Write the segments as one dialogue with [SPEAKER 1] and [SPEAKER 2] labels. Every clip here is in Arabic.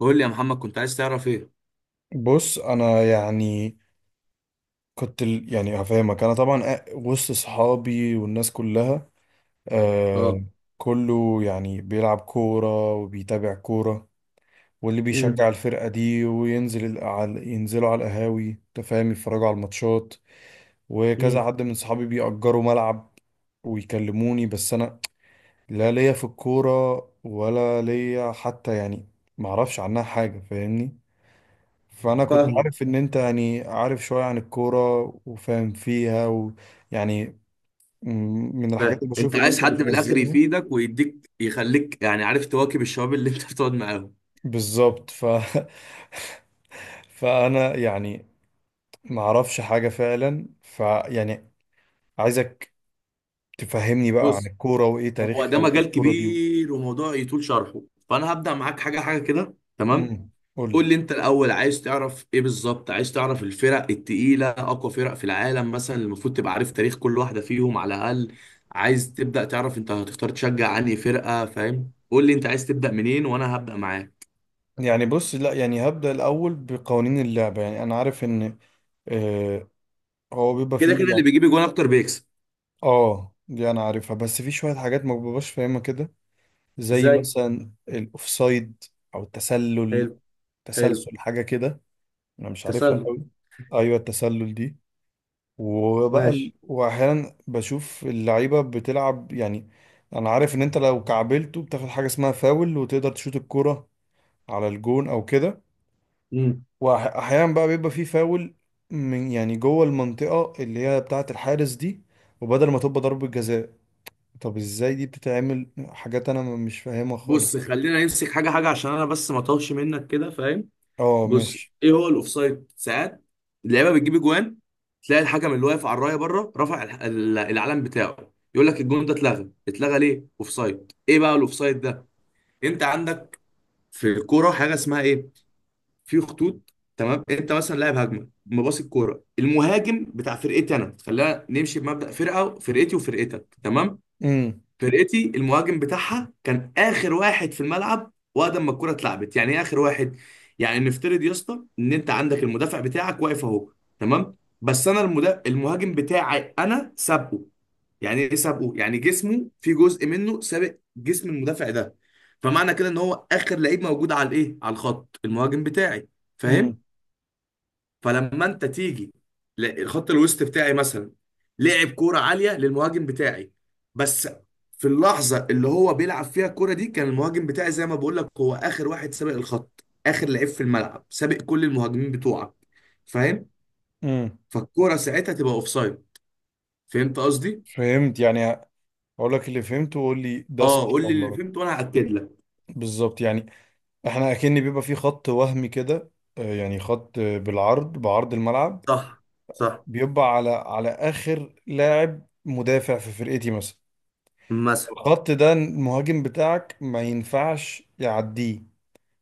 [SPEAKER 1] قول لي يا محمد، كنت عايز تعرف ايه؟
[SPEAKER 2] بص انا يعني كنت يعني هفهمك. انا طبعا، وسط صحابي والناس كلها، آه،
[SPEAKER 1] اه.
[SPEAKER 2] كله يعني بيلعب كورة وبيتابع كورة. واللي
[SPEAKER 1] امم.
[SPEAKER 2] بيشجع الفرقة دي وينزل ال- على ينزلوا على القهاوي، أنت فاهم، يتفرجوا على الماتشات. وكذا
[SPEAKER 1] امم.
[SPEAKER 2] حد من صحابي بيأجروا ملعب ويكلموني، بس انا لا ليا في الكورة، ولا ليا حتى يعني معرفش عنها حاجة، فاهمني. فانا كنت
[SPEAKER 1] فاهمه.
[SPEAKER 2] عارف ان انت يعني عارف شوية عن الكورة وفاهم فيها، ويعني من
[SPEAKER 1] فاهم
[SPEAKER 2] الحاجات اللي
[SPEAKER 1] انت
[SPEAKER 2] بشوف ان
[SPEAKER 1] عايز
[SPEAKER 2] انت
[SPEAKER 1] حد من الاخر
[SPEAKER 2] بتنزلها.
[SPEAKER 1] يفيدك ويديك يخليك يعني عارف تواكب الشباب اللي انت بتقعد معاهم.
[SPEAKER 2] بالظبط، ف فانا يعني ما اعرفش حاجة فعلا، فيعني عايزك تفهمني بقى عن
[SPEAKER 1] بص،
[SPEAKER 2] الكورة، وايه
[SPEAKER 1] هو
[SPEAKER 2] تاريخها،
[SPEAKER 1] ده
[SPEAKER 2] وايه
[SPEAKER 1] مجال
[SPEAKER 2] الكورة دي.
[SPEAKER 1] كبير وموضوع يطول شرحه، فانا هبدأ معاك حاجة حاجة كده، تمام؟
[SPEAKER 2] امم قول لي.
[SPEAKER 1] قول لي انت الاول عايز تعرف ايه بالظبط. عايز تعرف الفرق التقيلة، اقوى فرق في العالم مثلا؟ المفروض تبقى عارف تاريخ كل واحدة فيهم على الاقل. عايز تبدأ تعرف انت هتختار تشجع عني فرقة؟ فاهم؟ قول لي انت عايز تبدأ منين وانا هبدأ معاك.
[SPEAKER 2] يعني بص، لا يعني هبدأ الاول بقوانين اللعبة. يعني انا عارف ان آه هو بيبقى
[SPEAKER 1] كده كده
[SPEAKER 2] فيه
[SPEAKER 1] اللي
[SPEAKER 2] يعني.
[SPEAKER 1] بيجيب جون اكتر بيكسب.
[SPEAKER 2] اه، دي انا عارفها، بس في شوية حاجات ما ببقاش فاهمها كده، زي
[SPEAKER 1] ازاي؟
[SPEAKER 2] مثلا الاوفسايد او التسلل،
[SPEAKER 1] حلو. حلو.
[SPEAKER 2] تسلسل حاجه كده، انا مش عارفها
[SPEAKER 1] تسلل.
[SPEAKER 2] قوي. ايوه، التسلل دي، وبقى
[SPEAKER 1] ماشي.
[SPEAKER 2] واحيانا بشوف اللعيبه بتلعب، يعني انا عارف ان انت لو كعبلته بتاخد حاجه اسمها فاول، وتقدر تشوط الكرة على الجون او كده.
[SPEAKER 1] امم.
[SPEAKER 2] واحيانا بقى بيبقى فيه فاول من يعني جوه المنطقه اللي هي بتاعه الحارس دي، وبدل ما تبقى ضربة جزاء، طب ازاي دي بتتعمل؟ حاجات انا مش فاهمها خالص.
[SPEAKER 1] بص، خلينا نمسك حاجه حاجه عشان انا بس ما اطولش منك كده، فاهم؟
[SPEAKER 2] اه،
[SPEAKER 1] بص،
[SPEAKER 2] ماشي.
[SPEAKER 1] ايه هو الاوفسايد؟ ساعات اللعيبه بتجيب جوان، تلاقي الحكم اللي واقف على الرايه بره رفع العلم بتاعه، يقول لك الجون ده اتلغى. اتلغى ليه؟ اوفسايد. ايه بقى الاوفسايد ده؟ انت عندك في الكوره حاجه اسمها ايه؟ في خطوط. تمام؟ انت مثلا لاعب هجمه، مباصي الكوره المهاجم بتاع فرقتي انا. خلينا نمشي بمبدا فرقه، فرقتي وفرقتك. تمام؟
[SPEAKER 2] امم.
[SPEAKER 1] فرقتي المهاجم بتاعها كان اخر واحد في الملعب وقت ما الكوره اتلعبت. يعني ايه اخر واحد؟ يعني نفترض يا اسطى ان انت عندك المدافع بتاعك واقف اهو، تمام؟ بس انا المهاجم بتاعي انا سابقه. يعني ايه سابقه؟ يعني جسمه في جزء منه سابق جسم المدافع ده. فمعنى كده ان هو اخر لعيب موجود على الايه، على الخط، المهاجم بتاعي.
[SPEAKER 2] امم.
[SPEAKER 1] فاهم؟ فلما انت تيجي الخط الوسط بتاعي مثلا، لعب كوره عاليه للمهاجم بتاعي، بس في اللحظه اللي هو بيلعب فيها الكوره دي كان المهاجم بتاعي زي ما بقول لك هو اخر واحد، سابق الخط، اخر لعيب في الملعب، سابق كل المهاجمين بتوعك. فاهم؟
[SPEAKER 2] امم.
[SPEAKER 1] فالكوره ساعتها تبقى اوفسايد. فهمت قصدي؟
[SPEAKER 2] فهمت يعني، اقول لك اللي فهمته وقول لي ده صح
[SPEAKER 1] اه قول لي
[SPEAKER 2] ولا
[SPEAKER 1] اللي
[SPEAKER 2] غلط؟
[SPEAKER 1] فهمته وانا هاكد لك.
[SPEAKER 2] بالظبط، يعني احنا اكن بيبقى في خط وهمي كده، آه، يعني خط آه، بالعرض، بعرض الملعب.
[SPEAKER 1] صح. صح.
[SPEAKER 2] بيبقى على اخر لاعب مدافع في فرقتي مثلا.
[SPEAKER 1] مثلا.
[SPEAKER 2] الخط ده المهاجم بتاعك ما ينفعش يعديه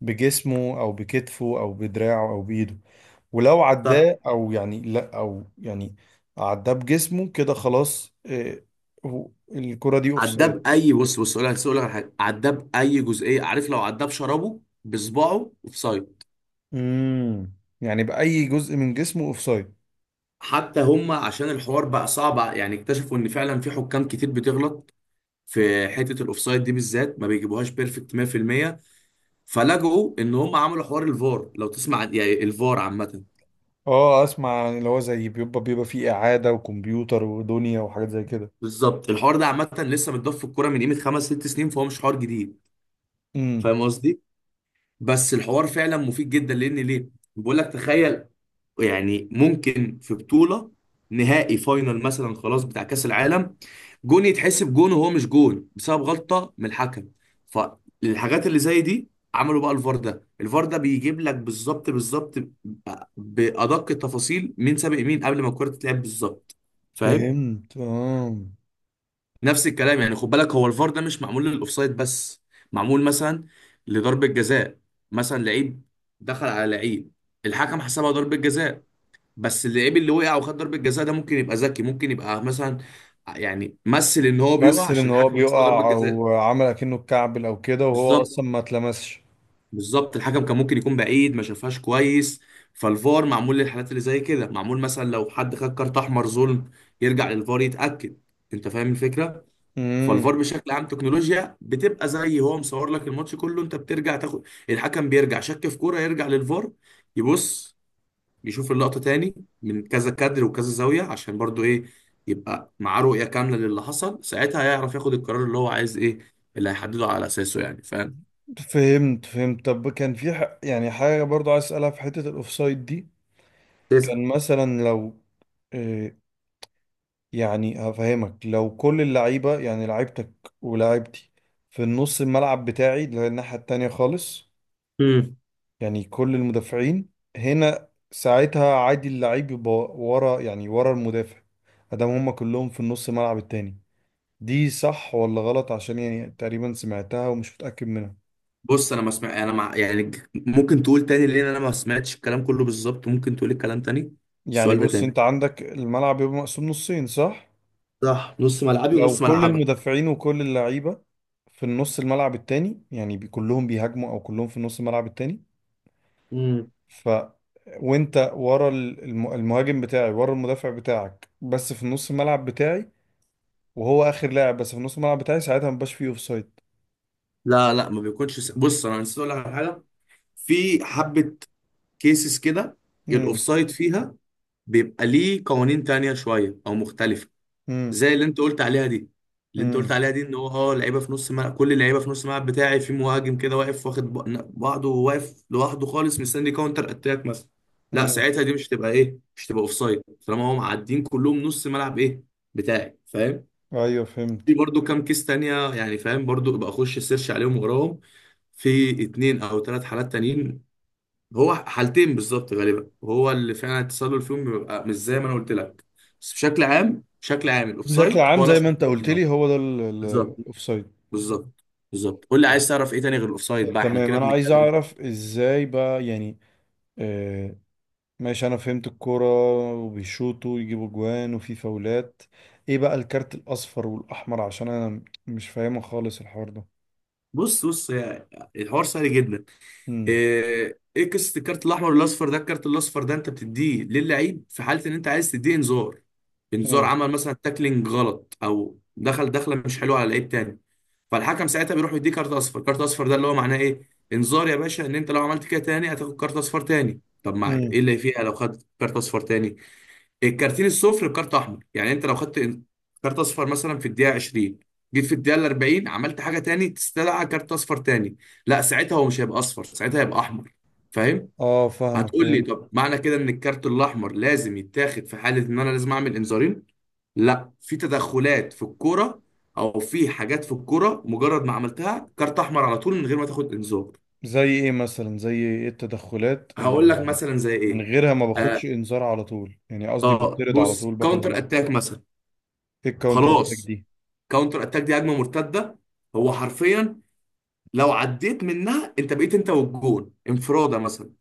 [SPEAKER 2] بجسمه او بكتفه او بدراعه او بايده. ولو
[SPEAKER 1] صح.
[SPEAKER 2] عداه، او يعني لا، او يعني عداه بجسمه كده، خلاص، الكرة دي اوفسايد.
[SPEAKER 1] عداب اي؟ بص، بص، اقول لك، أقول لك على حاجه. عداب اي جزئيه، عارف؟ لو عداب شربه بصباعه اوفسايد.
[SPEAKER 2] امم، يعني بأي جزء من جسمه اوفسايد.
[SPEAKER 1] حتى هم عشان الحوار بقى صعب يعني، اكتشفوا ان فعلا في حكام كتير بتغلط في حته الاوفسايد دي بالذات، ما بيجيبوهاش بيرفكت 100%، فلجؤوا ان هم عملوا حوار الفار. لو تسمع يعني الفار عامه.
[SPEAKER 2] اه، اسمع، اللي هو زي بيبقى فيه إعادة وكمبيوتر ودنيا وحاجات زي كده.
[SPEAKER 1] بالظبط، الحوار ده عامه لسه متضاف في الكوره من قيمه خمس ست سنين، فهو مش حوار جديد.
[SPEAKER 2] امم،
[SPEAKER 1] فاهم قصدي؟ بس الحوار فعلا مفيد جدا، لان ليه؟ بقول لك تخيل يعني، ممكن في بطولة، نهائي فاينل مثلا خلاص بتاع كأس العالم، جون يتحسب جون وهو مش جون بسبب غلطة من الحكم. فالحاجات اللي زي دي عملوا بقى الفار ده. الفار ده بيجيب لك بالظبط بالظبط، بأدق التفاصيل، مين سابق مين قبل ما الكرة تتلعب بالظبط. فاهم؟
[SPEAKER 2] فهمت اه،
[SPEAKER 1] نفس الكلام يعني، خد بالك، هو الفار ده مش معمول للأوفسايد بس، معمول مثلا لضربة جزاء. مثلا لعيب دخل على لعيب، الحكم حسبها ضربة جزاء، بس اللعيب اللي وقع وخد ضربة جزاء ده ممكن يبقى ذكي، ممكن يبقى مثلا يعني مثل ان هو بيقع
[SPEAKER 2] مثل ان
[SPEAKER 1] عشان
[SPEAKER 2] هو
[SPEAKER 1] الحكم يحسبها ضربة
[SPEAKER 2] بيقع
[SPEAKER 1] جزاء.
[SPEAKER 2] او عمل اكنه اتكعبل او كده، وهو
[SPEAKER 1] بالظبط.
[SPEAKER 2] اصلا ما اتلمسش.
[SPEAKER 1] بالظبط، الحكم كان ممكن يكون بعيد ما شافهاش كويس. فالفار معمول للحالات اللي زي كده، معمول مثلا لو حد خد كارت احمر ظلم يرجع للفار يتأكد. انت فاهم الفكرة؟ فالفار
[SPEAKER 2] امم،
[SPEAKER 1] بشكل عام تكنولوجيا بتبقى زي هو مصور لك الماتش كله، انت بترجع تاخد، الحكم بيرجع شك في كورة يرجع للفار، يبص، بيشوف اللقطة تاني من كذا كادر وكذا زاوية، عشان برضو ايه؟ يبقى معاه رؤية كاملة للي حصل ساعتها، هيعرف ياخد القرار اللي هو عايز ايه اللي هيحدده على اساسه يعني. فاهم؟
[SPEAKER 2] فهمت فهمت. طب كان في يعني حاجة برضو عايز اسألها في حتة الاوفسايد دي.
[SPEAKER 1] تسعة.
[SPEAKER 2] كان مثلا لو، آه، يعني هفهمك، لو كل اللعيبة يعني لعيبتك ولاعيبتي في النص الملعب بتاعي اللي هي الناحية التانية خالص.
[SPEAKER 1] امم.
[SPEAKER 2] يعني كل المدافعين هنا ساعتها عادي اللعيب يبقى ورا، يعني ورا المدافع، ادام هما كلهم في النص الملعب التاني. دي صح ولا غلط؟ عشان يعني تقريبا سمعتها ومش متأكد منها.
[SPEAKER 1] بص، انا ما سمع انا مع يعني ممكن تقول تاني لان انا ما سمعتش الكلام كله بالظبط. ممكن تقول الكلام تاني.
[SPEAKER 2] يعني
[SPEAKER 1] السؤال ده
[SPEAKER 2] بص،
[SPEAKER 1] تاني.
[SPEAKER 2] انت عندك الملعب يبقى مقسوم نصين، صح؟
[SPEAKER 1] صح، نص ملعبي
[SPEAKER 2] لو
[SPEAKER 1] ونص
[SPEAKER 2] كل
[SPEAKER 1] ملعبك.
[SPEAKER 2] المدافعين وكل اللعيبة في النص الملعب التاني، يعني كلهم بيهاجموا او كلهم في النص الملعب التاني.
[SPEAKER 1] امم.
[SPEAKER 2] ف وانت ورا المهاجم بتاعي، ورا المدافع بتاعك، بس في نص الملعب بتاعي. وهو اخر لاعب بس في نص الملعب بتاعي، ساعتها مبقاش فيه اوف سايد.
[SPEAKER 1] لا ما بيكونش بص، انا نسيت اقول لك على حاجه. في حبه كيسز كده
[SPEAKER 2] امم.
[SPEAKER 1] الاوفسايد فيها بيبقى ليه قوانين تانية شويه او مختلفه،
[SPEAKER 2] امم.
[SPEAKER 1] زي اللي انت قلت عليها دي. اللي انت قلت
[SPEAKER 2] امم.
[SPEAKER 1] عليها دي ان هو اه لعيبه في نص ملعب، كل اللعيبه في نص الملعب بتاعي، في مهاجم كده واقف واخد بعضه واقف لوحده خالص مستني كاونتر اتاك مثلا. لا،
[SPEAKER 2] امم.
[SPEAKER 1] ساعتها دي مش تبقى ايه، مش تبقى اوف سايد طالما هم معديين كلهم نص ملعب ايه بتاعي. فاهم؟
[SPEAKER 2] ايوه،
[SPEAKER 1] في
[SPEAKER 2] فهمت.
[SPEAKER 1] برضو كام كيس تانية يعني، فاهم؟ برضو ابقى اخش سيرش عليهم وراهم. في اتنين او ثلاث حالات تانيين، هو حالتين بالظبط غالبا، وهو اللي فعلا التسلل فيهم بيبقى مش زي ما انا قلت لك. بس بشكل عام، بشكل عام
[SPEAKER 2] بشكل
[SPEAKER 1] الاوفسايد
[SPEAKER 2] عام
[SPEAKER 1] هو لا
[SPEAKER 2] زي ما
[SPEAKER 1] شرط
[SPEAKER 2] انت
[SPEAKER 1] له في
[SPEAKER 2] قلت
[SPEAKER 1] اللعبة.
[SPEAKER 2] لي هو ده
[SPEAKER 1] بالظبط.
[SPEAKER 2] الاوف سايد.
[SPEAKER 1] بالظبط. بالظبط، قول لي
[SPEAKER 2] طب
[SPEAKER 1] عايز تعرف ايه تاني غير الاوفسايد
[SPEAKER 2] طب
[SPEAKER 1] بقى، احنا
[SPEAKER 2] تمام،
[SPEAKER 1] كده
[SPEAKER 2] انا عايز
[SPEAKER 1] بنتكلم.
[SPEAKER 2] اعرف ازاي بقى يعني آه ماشي. انا فهمت الكوره، وبيشوطوا ويجيبوا جوان، وفي فاولات. ايه بقى الكارت الاصفر والاحمر؟ عشان انا مش فاهمه خالص الحوار
[SPEAKER 1] بص بص الحوار سهل جدا.
[SPEAKER 2] ده.
[SPEAKER 1] ايه إيه قصه الكارت الاحمر والاصفر ده؟ الكارت الاصفر ده انت بتديه للعيب في حاله ان انت عايز تديه انذار. انذار،
[SPEAKER 2] امم.
[SPEAKER 1] عمل مثلا تاكلينج غلط او دخل دخله مش حلوه على لعيب تاني، فالحكم ساعتها بيروح يديه كارت اصفر. كارت اصفر ده اللي هو معناه ايه؟ انذار يا باشا ان انت لو عملت كده تاني هتاخد كارت اصفر تاني. طب ما ايه
[SPEAKER 2] امم.
[SPEAKER 1] اللي فيها لو خدت كارت اصفر تاني؟ الكارتين الصفر بكارت احمر. يعني انت لو خدت كارت اصفر مثلا في الدقيقه 20، جيت في الدقيقه 40 عملت حاجه تاني تستدعى كارت اصفر تاني، لا ساعتها هو مش هيبقى اصفر، ساعتها هيبقى احمر. فاهم؟
[SPEAKER 2] اه، فاهمك،
[SPEAKER 1] هتقول لي
[SPEAKER 2] فهمت.
[SPEAKER 1] طب معنى كده ان الكارت الاحمر لازم يتاخد في حاله ان انا لازم اعمل انذارين؟ لا، في تدخلات في الكوره او في حاجات في الكوره مجرد ما عملتها كارت احمر على طول من غير ما تاخد انذار.
[SPEAKER 2] زي ايه مثلا؟ زي ايه التدخلات
[SPEAKER 1] هقول
[SPEAKER 2] اللي
[SPEAKER 1] لك
[SPEAKER 2] يعني
[SPEAKER 1] مثلا زي
[SPEAKER 2] من
[SPEAKER 1] ايه.
[SPEAKER 2] غيرها ما باخدش
[SPEAKER 1] اه.
[SPEAKER 2] انذار على طول، يعني قصدي بطرد على طول
[SPEAKER 1] بص،
[SPEAKER 2] باخد
[SPEAKER 1] كاونتر
[SPEAKER 2] اللحظه؟
[SPEAKER 1] اتاك مثلا.
[SPEAKER 2] ايه الكاونتر اتاك
[SPEAKER 1] خلاص،
[SPEAKER 2] دي؟
[SPEAKER 1] كاونتر اتاك دي هجمه مرتده، هو حرفيا لو عديت منها انت بقيت انت والجون انفراده مثلا.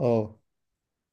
[SPEAKER 2] اه.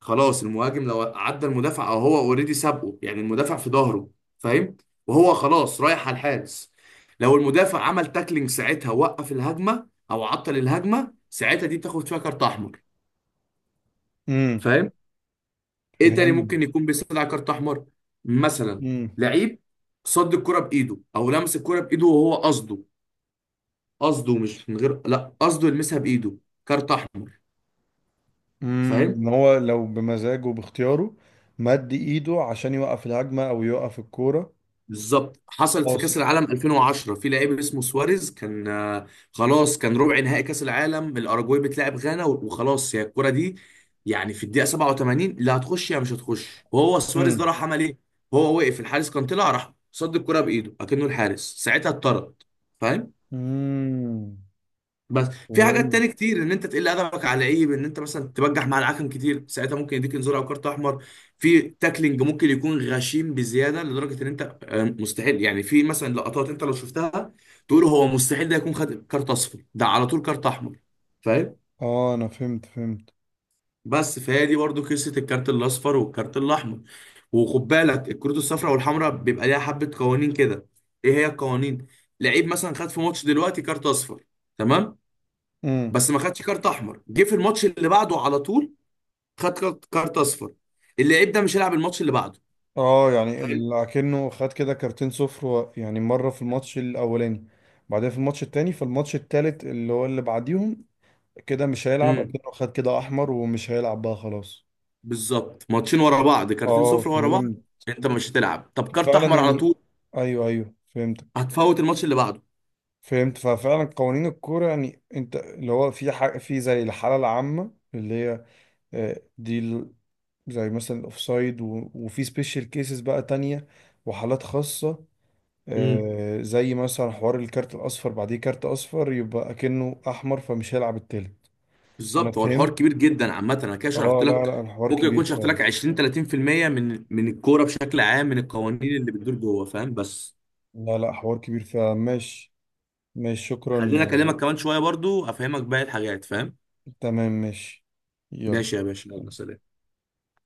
[SPEAKER 1] خلاص، المهاجم لو عدى المدافع او هو اوريدي سابقه يعني المدافع في ظهره، فاهم؟ وهو خلاص رايح على الحارس، لو المدافع عمل تاكلينج ساعتها وقف الهجمه او عطل الهجمه، ساعتها دي بتاخد فيها كارت احمر.
[SPEAKER 2] امم،
[SPEAKER 1] فاهم؟ ايه تاني
[SPEAKER 2] فهمت.
[SPEAKER 1] ممكن يكون بيستدعي كارت احمر؟ مثلا
[SPEAKER 2] امم.
[SPEAKER 1] لعيب صد الكرة بايده او لمس الكرة بايده وهو قصده. قصده، مش من غير، لا قصده يلمسها بايده، كارت احمر.
[SPEAKER 2] امم،
[SPEAKER 1] فاهم؟
[SPEAKER 2] ان هو لو بمزاجه باختياره مد ايده عشان يوقف الهجمه او يوقف الكوره.
[SPEAKER 1] بالظبط، حصلت في كاس
[SPEAKER 2] قاصد.
[SPEAKER 1] العالم 2010، في لعيب اسمه سواريز كان خلاص كان ربع نهائي كاس العالم، الاراجواي بتلعب غانا، وخلاص هي الكره دي يعني في الدقيقه 87، لا هتخش يا مش هتخش، وهو سواريز ده
[SPEAKER 2] امم.
[SPEAKER 1] راح عمل ايه؟ هو وقف الحارس، كان طلع راح صد الكره بايده اكنه الحارس، ساعتها اتطرد. فاهم؟
[SPEAKER 2] امم،
[SPEAKER 1] بس في حاجات تاني
[SPEAKER 2] فهمت
[SPEAKER 1] كتير، ان انت تقل ادبك على لعيب، ان انت مثلا تبجح مع الحكم كتير ساعتها ممكن يديك انذار او كارت احمر. في تاكلينج ممكن يكون غشيم بزياده لدرجه ان انت مستحيل يعني، في مثلا لقطات انت لو شفتها تقول هو مستحيل ده يكون خد كارت اصفر ده، على طول كارت احمر. فاهم؟
[SPEAKER 2] اه، انا فهمت فهمت.
[SPEAKER 1] بس فهي دي برضو قصه الكارت الاصفر والكارت الاحمر. وخد بالك الكروت الصفراء والحمراء بيبقى ليها حبه قوانين كده. ايه هي القوانين؟ لعيب مثلا خد في ماتش دلوقتي كارت اصفر، تمام؟ بس ما خدش كارت احمر، جه في الماتش اللي بعده على طول خد كارت، كارت اصفر، اللعيب ده مش هيلعب الماتش اللي بعده.
[SPEAKER 2] اه، يعني
[SPEAKER 1] فاهم؟
[SPEAKER 2] اكنه خد كده كارتين صفر، يعني مره في الماتش الاولاني، بعدين في الماتش التاني، في الماتش التالت اللي هو اللي بعديهم، كده مش هيلعب،
[SPEAKER 1] امم.
[SPEAKER 2] اكنه خد كده احمر ومش هيلعب بقى خلاص.
[SPEAKER 1] بالظبط، ماتشين ورا بعض كارتين
[SPEAKER 2] اه،
[SPEAKER 1] صفر ورا بعض،
[SPEAKER 2] فهمت
[SPEAKER 1] انت مش هتلعب. طب كارت
[SPEAKER 2] فعلا
[SPEAKER 1] احمر على
[SPEAKER 2] يعني.
[SPEAKER 1] طول
[SPEAKER 2] ايوه ايوه، فهمت.
[SPEAKER 1] هتفوت الماتش اللي بعده.
[SPEAKER 2] فهمت ففعلا قوانين الكوره يعني انت اللي هو في حاجه في زي الحاله العامه اللي هي آه، دي ال- زي مثلا الاوفسايد، وفي سبيشال كيسز بقى تانية، وحالات خاصه.
[SPEAKER 1] امم.
[SPEAKER 2] زي مثلا حوار الكارت الاصفر بعديه كارت اصفر يبقى اكنه احمر فمش هيلعب التالت. انا
[SPEAKER 1] بالظبط. هو الحوار
[SPEAKER 2] فهمت.
[SPEAKER 1] كبير جدا عامه، انا كده شرحت
[SPEAKER 2] اه، لا
[SPEAKER 1] لك
[SPEAKER 2] لا، الحوار
[SPEAKER 1] ممكن يكون
[SPEAKER 2] كبير
[SPEAKER 1] شرحت لك
[SPEAKER 2] فعلا.
[SPEAKER 1] 20 30% من من الكوره بشكل عام، من القوانين اللي بتدور جوه. فاهم؟ بس
[SPEAKER 2] لا لا، حوار كبير فعلا، ماشي. ماشي، شكرا،
[SPEAKER 1] خلينا اكلمك كمان شويه برضو افهمك باقي الحاجات، فاهم؟
[SPEAKER 2] تمام، ماشي، يلا.
[SPEAKER 1] ماشي يا باشا، يلا سلام.